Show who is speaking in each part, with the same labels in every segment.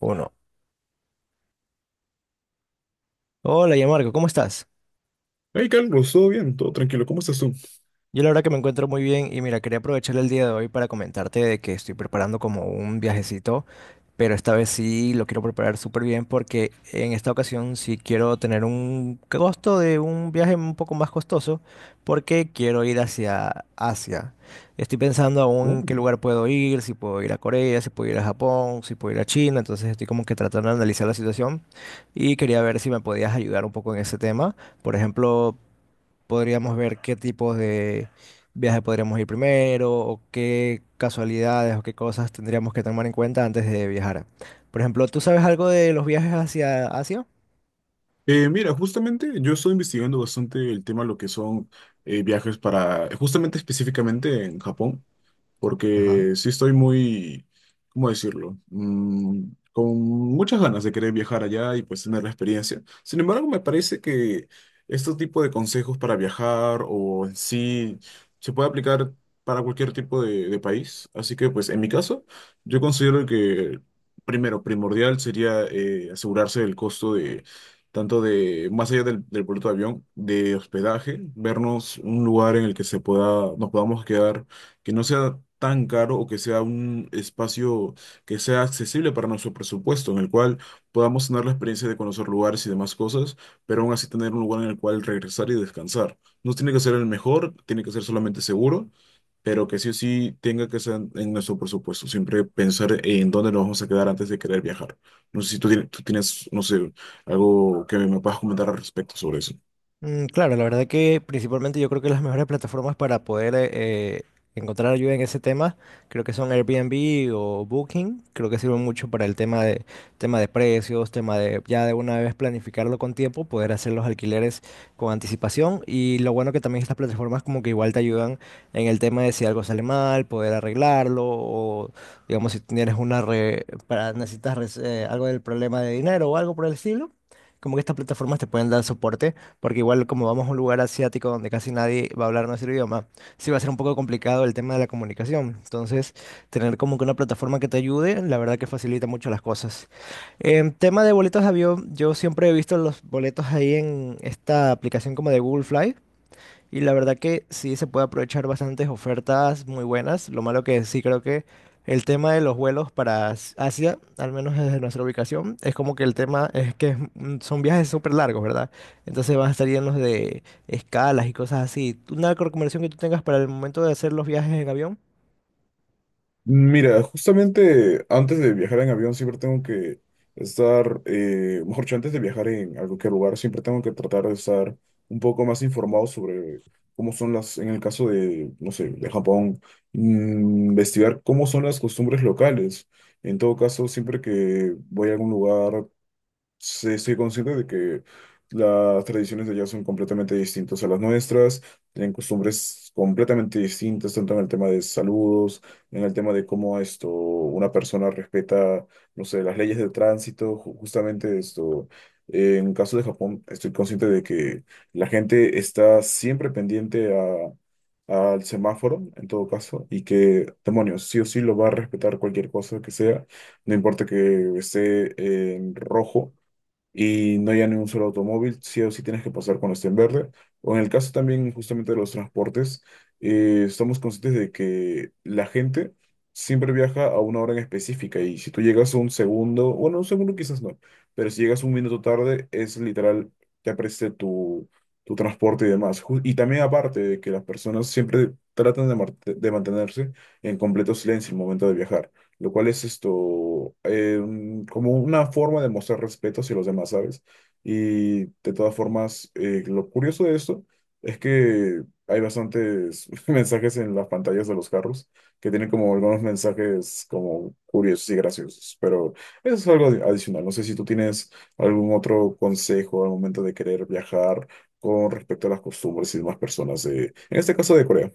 Speaker 1: Uno. Hola, ya Marco, ¿cómo estás?
Speaker 2: Hey Carlos, todo bien, todo tranquilo, ¿cómo estás tú?
Speaker 1: Yo la verdad que me encuentro muy bien y mira, quería aprovechar el día de hoy para comentarte de que estoy preparando como un viajecito, pero esta vez sí lo quiero preparar súper bien porque en esta ocasión sí quiero tener un costo de un viaje un poco más costoso porque quiero ir hacia Asia. Estoy pensando aún
Speaker 2: ¿No?
Speaker 1: en qué lugar puedo ir, si puedo ir a Corea, si puedo ir a Japón, si puedo ir a China, entonces estoy como que tratando de analizar la situación y quería ver si me podías ayudar un poco en ese tema. Por ejemplo, podríamos ver qué tipos de viaje podríamos ir primero o qué casualidades o qué cosas tendríamos que tomar en cuenta antes de viajar. Por ejemplo, ¿tú sabes algo de los viajes hacia Asia?
Speaker 2: Mira, justamente yo estoy investigando bastante el tema de lo que son viajes para, justamente específicamente en Japón.
Speaker 1: Ajá.
Speaker 2: Porque sí estoy muy, ¿cómo decirlo? Con muchas ganas de querer viajar allá y pues tener la experiencia. Sin embargo, me parece que este tipo de consejos para viajar o en sí se puede aplicar para cualquier tipo de país. Así que pues en mi caso, yo considero que primero, primordial sería asegurarse del costo de tanto de, más allá del boleto de avión, de hospedaje, vernos un lugar en el que se pueda, nos podamos quedar que no sea tan caro o que sea un espacio que sea accesible para nuestro presupuesto, en el cual podamos tener la experiencia de conocer lugares y demás cosas, pero aún así tener un lugar en el cual regresar y descansar. No tiene que ser el mejor, tiene que ser solamente seguro, pero que sí o sí tenga que ser en nuestro presupuesto. Siempre pensar en dónde nos vamos a quedar antes de querer viajar. No sé si tú tienes, no sé, algo que me puedas comentar al respecto sobre eso.
Speaker 1: Mm, claro, la verdad que principalmente yo creo que las mejores plataformas para poder encontrar ayuda en ese tema, creo que son Airbnb o Booking, creo que sirven mucho para el tema de precios, tema de ya de una vez planificarlo con tiempo, poder hacer los alquileres con anticipación y lo bueno que también estas plataformas como que igual te ayudan en el tema de si algo sale mal, poder arreglarlo o digamos si tienes una algo del problema de dinero o algo por el estilo. Como que estas plataformas te pueden dar soporte porque igual como vamos a un lugar asiático donde casi nadie va a hablar nuestro idioma, sí va a ser un poco complicado el tema de la comunicación. Entonces, tener como que una plataforma que te ayude, la verdad que facilita mucho las cosas. En tema de boletos de avión, yo siempre he visto los boletos ahí en esta aplicación como de Google Fly. Y la verdad que sí se puede aprovechar bastantes ofertas muy buenas. Lo malo que sí creo que el tema de los vuelos para Asia, al menos desde nuestra ubicación, es como que el tema es que es son viajes súper largos, ¿verdad? Entonces van a estar llenos de escalas y cosas así. ¿Una recomendación que tú tengas para el momento de hacer los viajes en avión?
Speaker 2: Mira, justamente antes de viajar en avión siempre tengo que estar, mejor dicho, antes de viajar en a cualquier lugar, siempre tengo que tratar de estar un poco más informado sobre cómo son las, en el caso de, no sé, de Japón, investigar cómo son las costumbres locales. En todo caso, siempre que voy a algún lugar, sí, estoy consciente de que las tradiciones de allá son completamente distintas a las nuestras, tienen costumbres completamente distintas, tanto en el tema de saludos, en el tema de cómo esto, una persona respeta, no sé, las leyes de tránsito, justamente esto. En caso de Japón, estoy consciente de que la gente está siempre pendiente a, al semáforo, en todo caso, y que, demonios, sí o sí lo va a respetar cualquier cosa que sea, no importa que esté en rojo y no haya ni un solo automóvil, sí o sí tienes que pasar cuando esté en verde. O en el caso también justamente de los transportes, estamos conscientes de que la gente siempre viaja a una hora en específica y si tú llegas un segundo, bueno, un segundo quizás no, pero si llegas un minuto tarde, es literal, te apreste tu transporte y demás. Y también aparte de que las personas siempre tratan de mantenerse en completo silencio en el momento de viajar, lo cual es esto, como una forma de mostrar respeto hacia los demás, ¿sabes? Y de todas formas, lo curioso de esto es que hay bastantes mensajes en las pantallas de los carros que tienen como algunos mensajes como curiosos y graciosos, pero eso es algo adicional. No sé si tú tienes algún otro consejo al momento de querer viajar con respecto a las costumbres y demás personas, de, en este caso de Corea.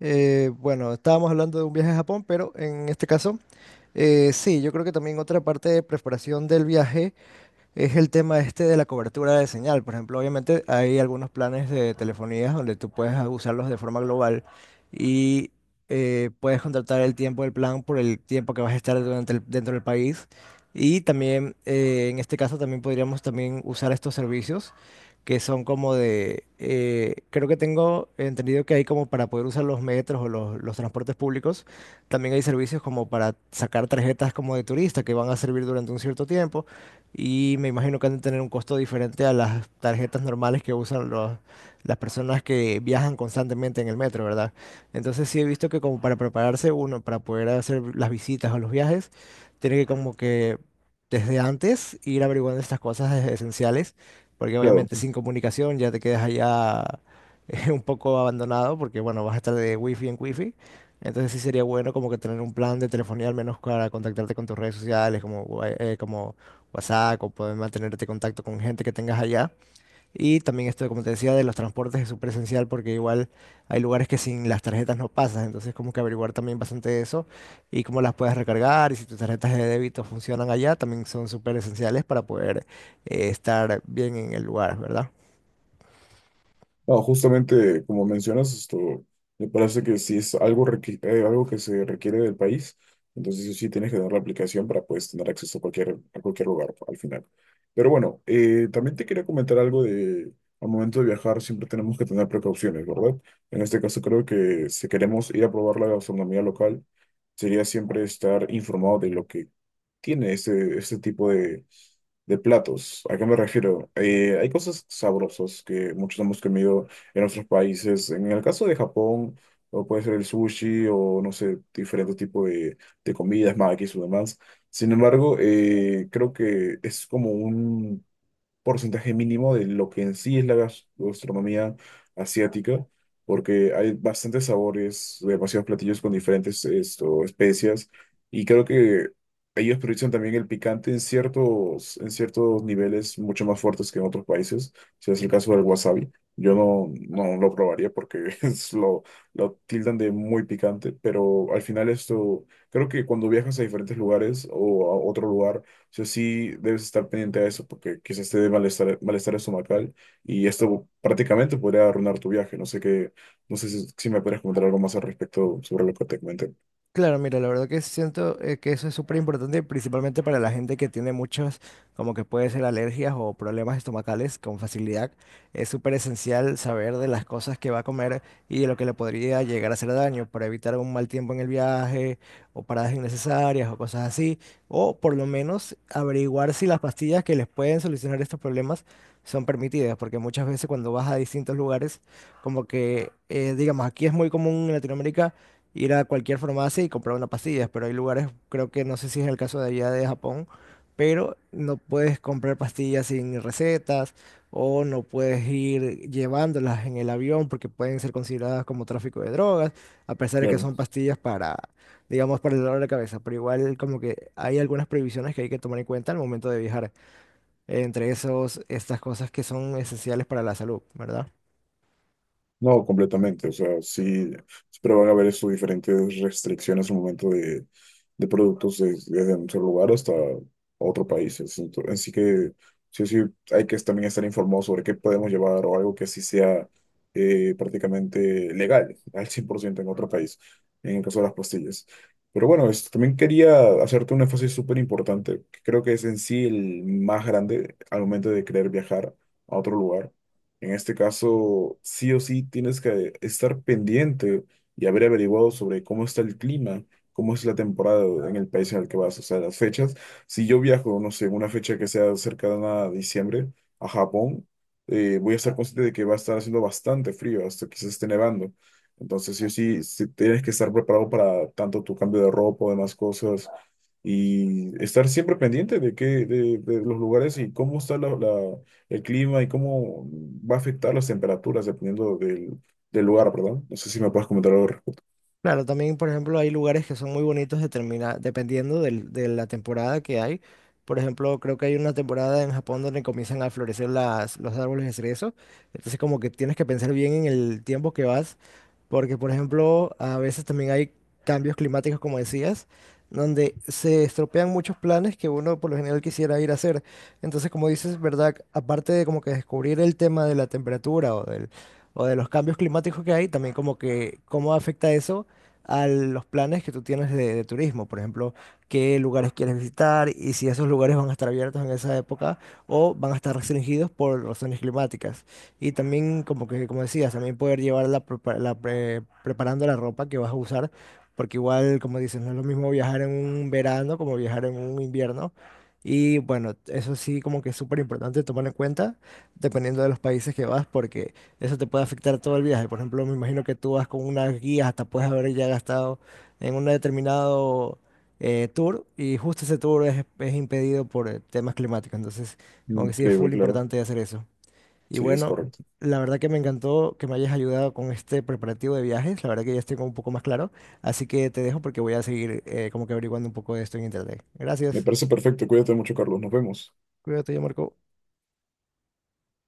Speaker 1: Bueno, estábamos hablando de un viaje a Japón, pero en este caso, sí, yo creo que también otra parte de preparación del viaje es el tema este de la cobertura de señal. Por ejemplo, obviamente hay algunos planes de telefonías donde tú puedes usarlos de forma global y puedes contratar el tiempo del plan por el tiempo que vas a estar durante dentro del país. Y también, en este caso, también podríamos también usar estos servicios que son como de, creo que tengo entendido que hay como para poder usar los metros o los transportes públicos, también hay servicios como para sacar tarjetas como de turista que van a servir durante un cierto tiempo. Y me imagino que han de tener un costo diferente a las tarjetas normales que usan las personas que viajan constantemente en el metro, ¿verdad? Entonces sí he visto que como para prepararse uno, para poder hacer las visitas o los viajes, tiene que como que desde antes ir averiguando estas cosas esenciales, porque
Speaker 2: Claro.
Speaker 1: obviamente sin comunicación ya te quedas allá un poco abandonado, porque bueno, vas a estar de wifi en wifi. Entonces sí sería bueno como que tener un plan de telefonía al menos para contactarte con tus redes sociales, como WhatsApp o poder mantenerte en contacto con gente que tengas allá. Y también esto, como te decía, de los transportes es súper esencial porque igual hay lugares que sin las tarjetas no pasas, entonces como que averiguar también bastante de eso y cómo las puedes recargar y si tus tarjetas de débito funcionan allá, también son súper esenciales para poder estar bien en el lugar, ¿verdad?
Speaker 2: No, justamente como mencionas, esto me parece que si es algo, algo que se requiere del país, entonces sí sí tienes que dar la aplicación para pues tener acceso a cualquier lugar al final. Pero bueno, también te quería comentar algo de, al momento de viajar siempre tenemos que tener precauciones, ¿verdad? En este caso creo que si queremos ir a probar la gastronomía local, sería siempre estar informado de lo que tiene este, este tipo de platos. ¿A qué me refiero? Hay cosas sabrosas que muchos hemos comido en otros países. En el caso de Japón, o puede ser el sushi, o no sé, diferentes tipos de comidas, makis o demás. Sin embargo, creo que es como un porcentaje mínimo de lo que en sí es la gastronomía asiática, porque hay bastantes sabores, demasiados platillos con diferentes esto, especias, y creo que ellos priorizan también el picante en ciertos niveles mucho más fuertes que en otros países, si es el caso del wasabi. Yo no lo probaría porque es lo tildan de muy picante, pero al final esto, creo que cuando viajas a diferentes lugares o a otro lugar, sea, sí debes estar pendiente de eso porque quizás te dé malestar, malestar estomacal y esto prácticamente podría arruinar tu viaje. No sé qué, no sé si, si me puedes comentar algo más al respecto sobre lo que te comenté.
Speaker 1: Claro, mira, la verdad que siento que eso es súper importante, principalmente para la gente que tiene muchos, como que puede ser alergias o problemas estomacales con facilidad. Es súper esencial saber de las cosas que va a comer y de lo que le podría llegar a hacer daño para evitar un mal tiempo en el viaje o paradas innecesarias o cosas así. O por lo menos averiguar si las pastillas que les pueden solucionar estos problemas son permitidas, porque muchas veces cuando vas a distintos lugares, como que, digamos, aquí es muy común en Latinoamérica ir a cualquier farmacia y comprar una pastilla, pero hay lugares, creo que no sé si es el caso de allá de Japón, pero no puedes comprar pastillas sin recetas o no puedes ir llevándolas en el avión porque pueden ser consideradas como tráfico de drogas, a pesar de que
Speaker 2: Claro.
Speaker 1: son pastillas para, digamos, para el dolor de cabeza, pero igual como que hay algunas prohibiciones que hay que tomar en cuenta al momento de viajar, entre esos, estas cosas que son esenciales para la salud, ¿verdad?
Speaker 2: No, completamente. O sea, sí, pero van a haber sus diferentes restricciones al momento de productos desde un solo lugar hasta otro país. Así así que sí, sí, hay que también estar informado sobre qué podemos llevar o algo que sí sea prácticamente legal al 100% en otro país, en el caso de las pastillas. Pero bueno, también quería hacerte un énfasis súper importante, que creo que es en sí el más grande al momento de querer viajar a otro lugar, en este caso, sí o sí tienes que estar pendiente y haber averiguado sobre cómo está el clima, cómo es la temporada en el país en el que vas, o sea, las fechas. Si yo viajo, no sé, en una fecha que sea cercana a diciembre a Japón, voy a estar consciente de que va a estar haciendo bastante frío, hasta que se esté nevando. Entonces, sí o sí, sí tienes que estar preparado para tanto tu cambio de ropa o demás cosas y estar siempre pendiente de qué, de los lugares y cómo está el clima y cómo va a afectar las temperaturas dependiendo del lugar, ¿verdad? No sé si me puedes comentar algo al respecto.
Speaker 1: Claro, también, por ejemplo, hay lugares que son muy bonitos dependiendo de la temporada que hay. Por ejemplo, creo que hay una temporada en Japón donde comienzan a florecer los árboles de cerezo. Entonces, como que tienes que pensar bien en el tiempo que vas porque, por ejemplo, a veces también hay cambios climáticos, como decías, donde se estropean muchos planes que uno por lo general quisiera ir a hacer. Entonces, como dices, ¿verdad? Aparte de como que descubrir el tema de la temperatura o de los cambios climáticos que hay, también como que cómo afecta eso a los planes que tú tienes de turismo. Por ejemplo, qué lugares quieres visitar y si esos lugares van a estar abiertos en esa época o van a estar restringidos por razones climáticas. Y también, como que, como decías, también poder llevarla preparando la ropa que vas a usar, porque igual, como dices, no es lo mismo viajar en un verano como viajar en un invierno. Y bueno, eso sí, como que es súper importante tomar en cuenta, dependiendo de los países que vas, porque eso te puede afectar todo el viaje. Por ejemplo, me imagino que tú vas con unas guías, hasta puedes haber ya gastado en un determinado tour, y justo ese tour es impedido por temas climáticos. Entonces, como que sí es
Speaker 2: Increíble,
Speaker 1: full
Speaker 2: claro.
Speaker 1: importante hacer eso. Y
Speaker 2: Sí, es
Speaker 1: bueno,
Speaker 2: correcto.
Speaker 1: la verdad que me encantó que me hayas ayudado con este preparativo de viajes. La verdad que ya estoy como un poco más claro. Así que te dejo porque voy a seguir como que averiguando un poco de esto en internet.
Speaker 2: Me
Speaker 1: Gracias.
Speaker 2: parece perfecto. Cuídate mucho, Carlos. Nos vemos.
Speaker 1: Cuídate, ya Marco.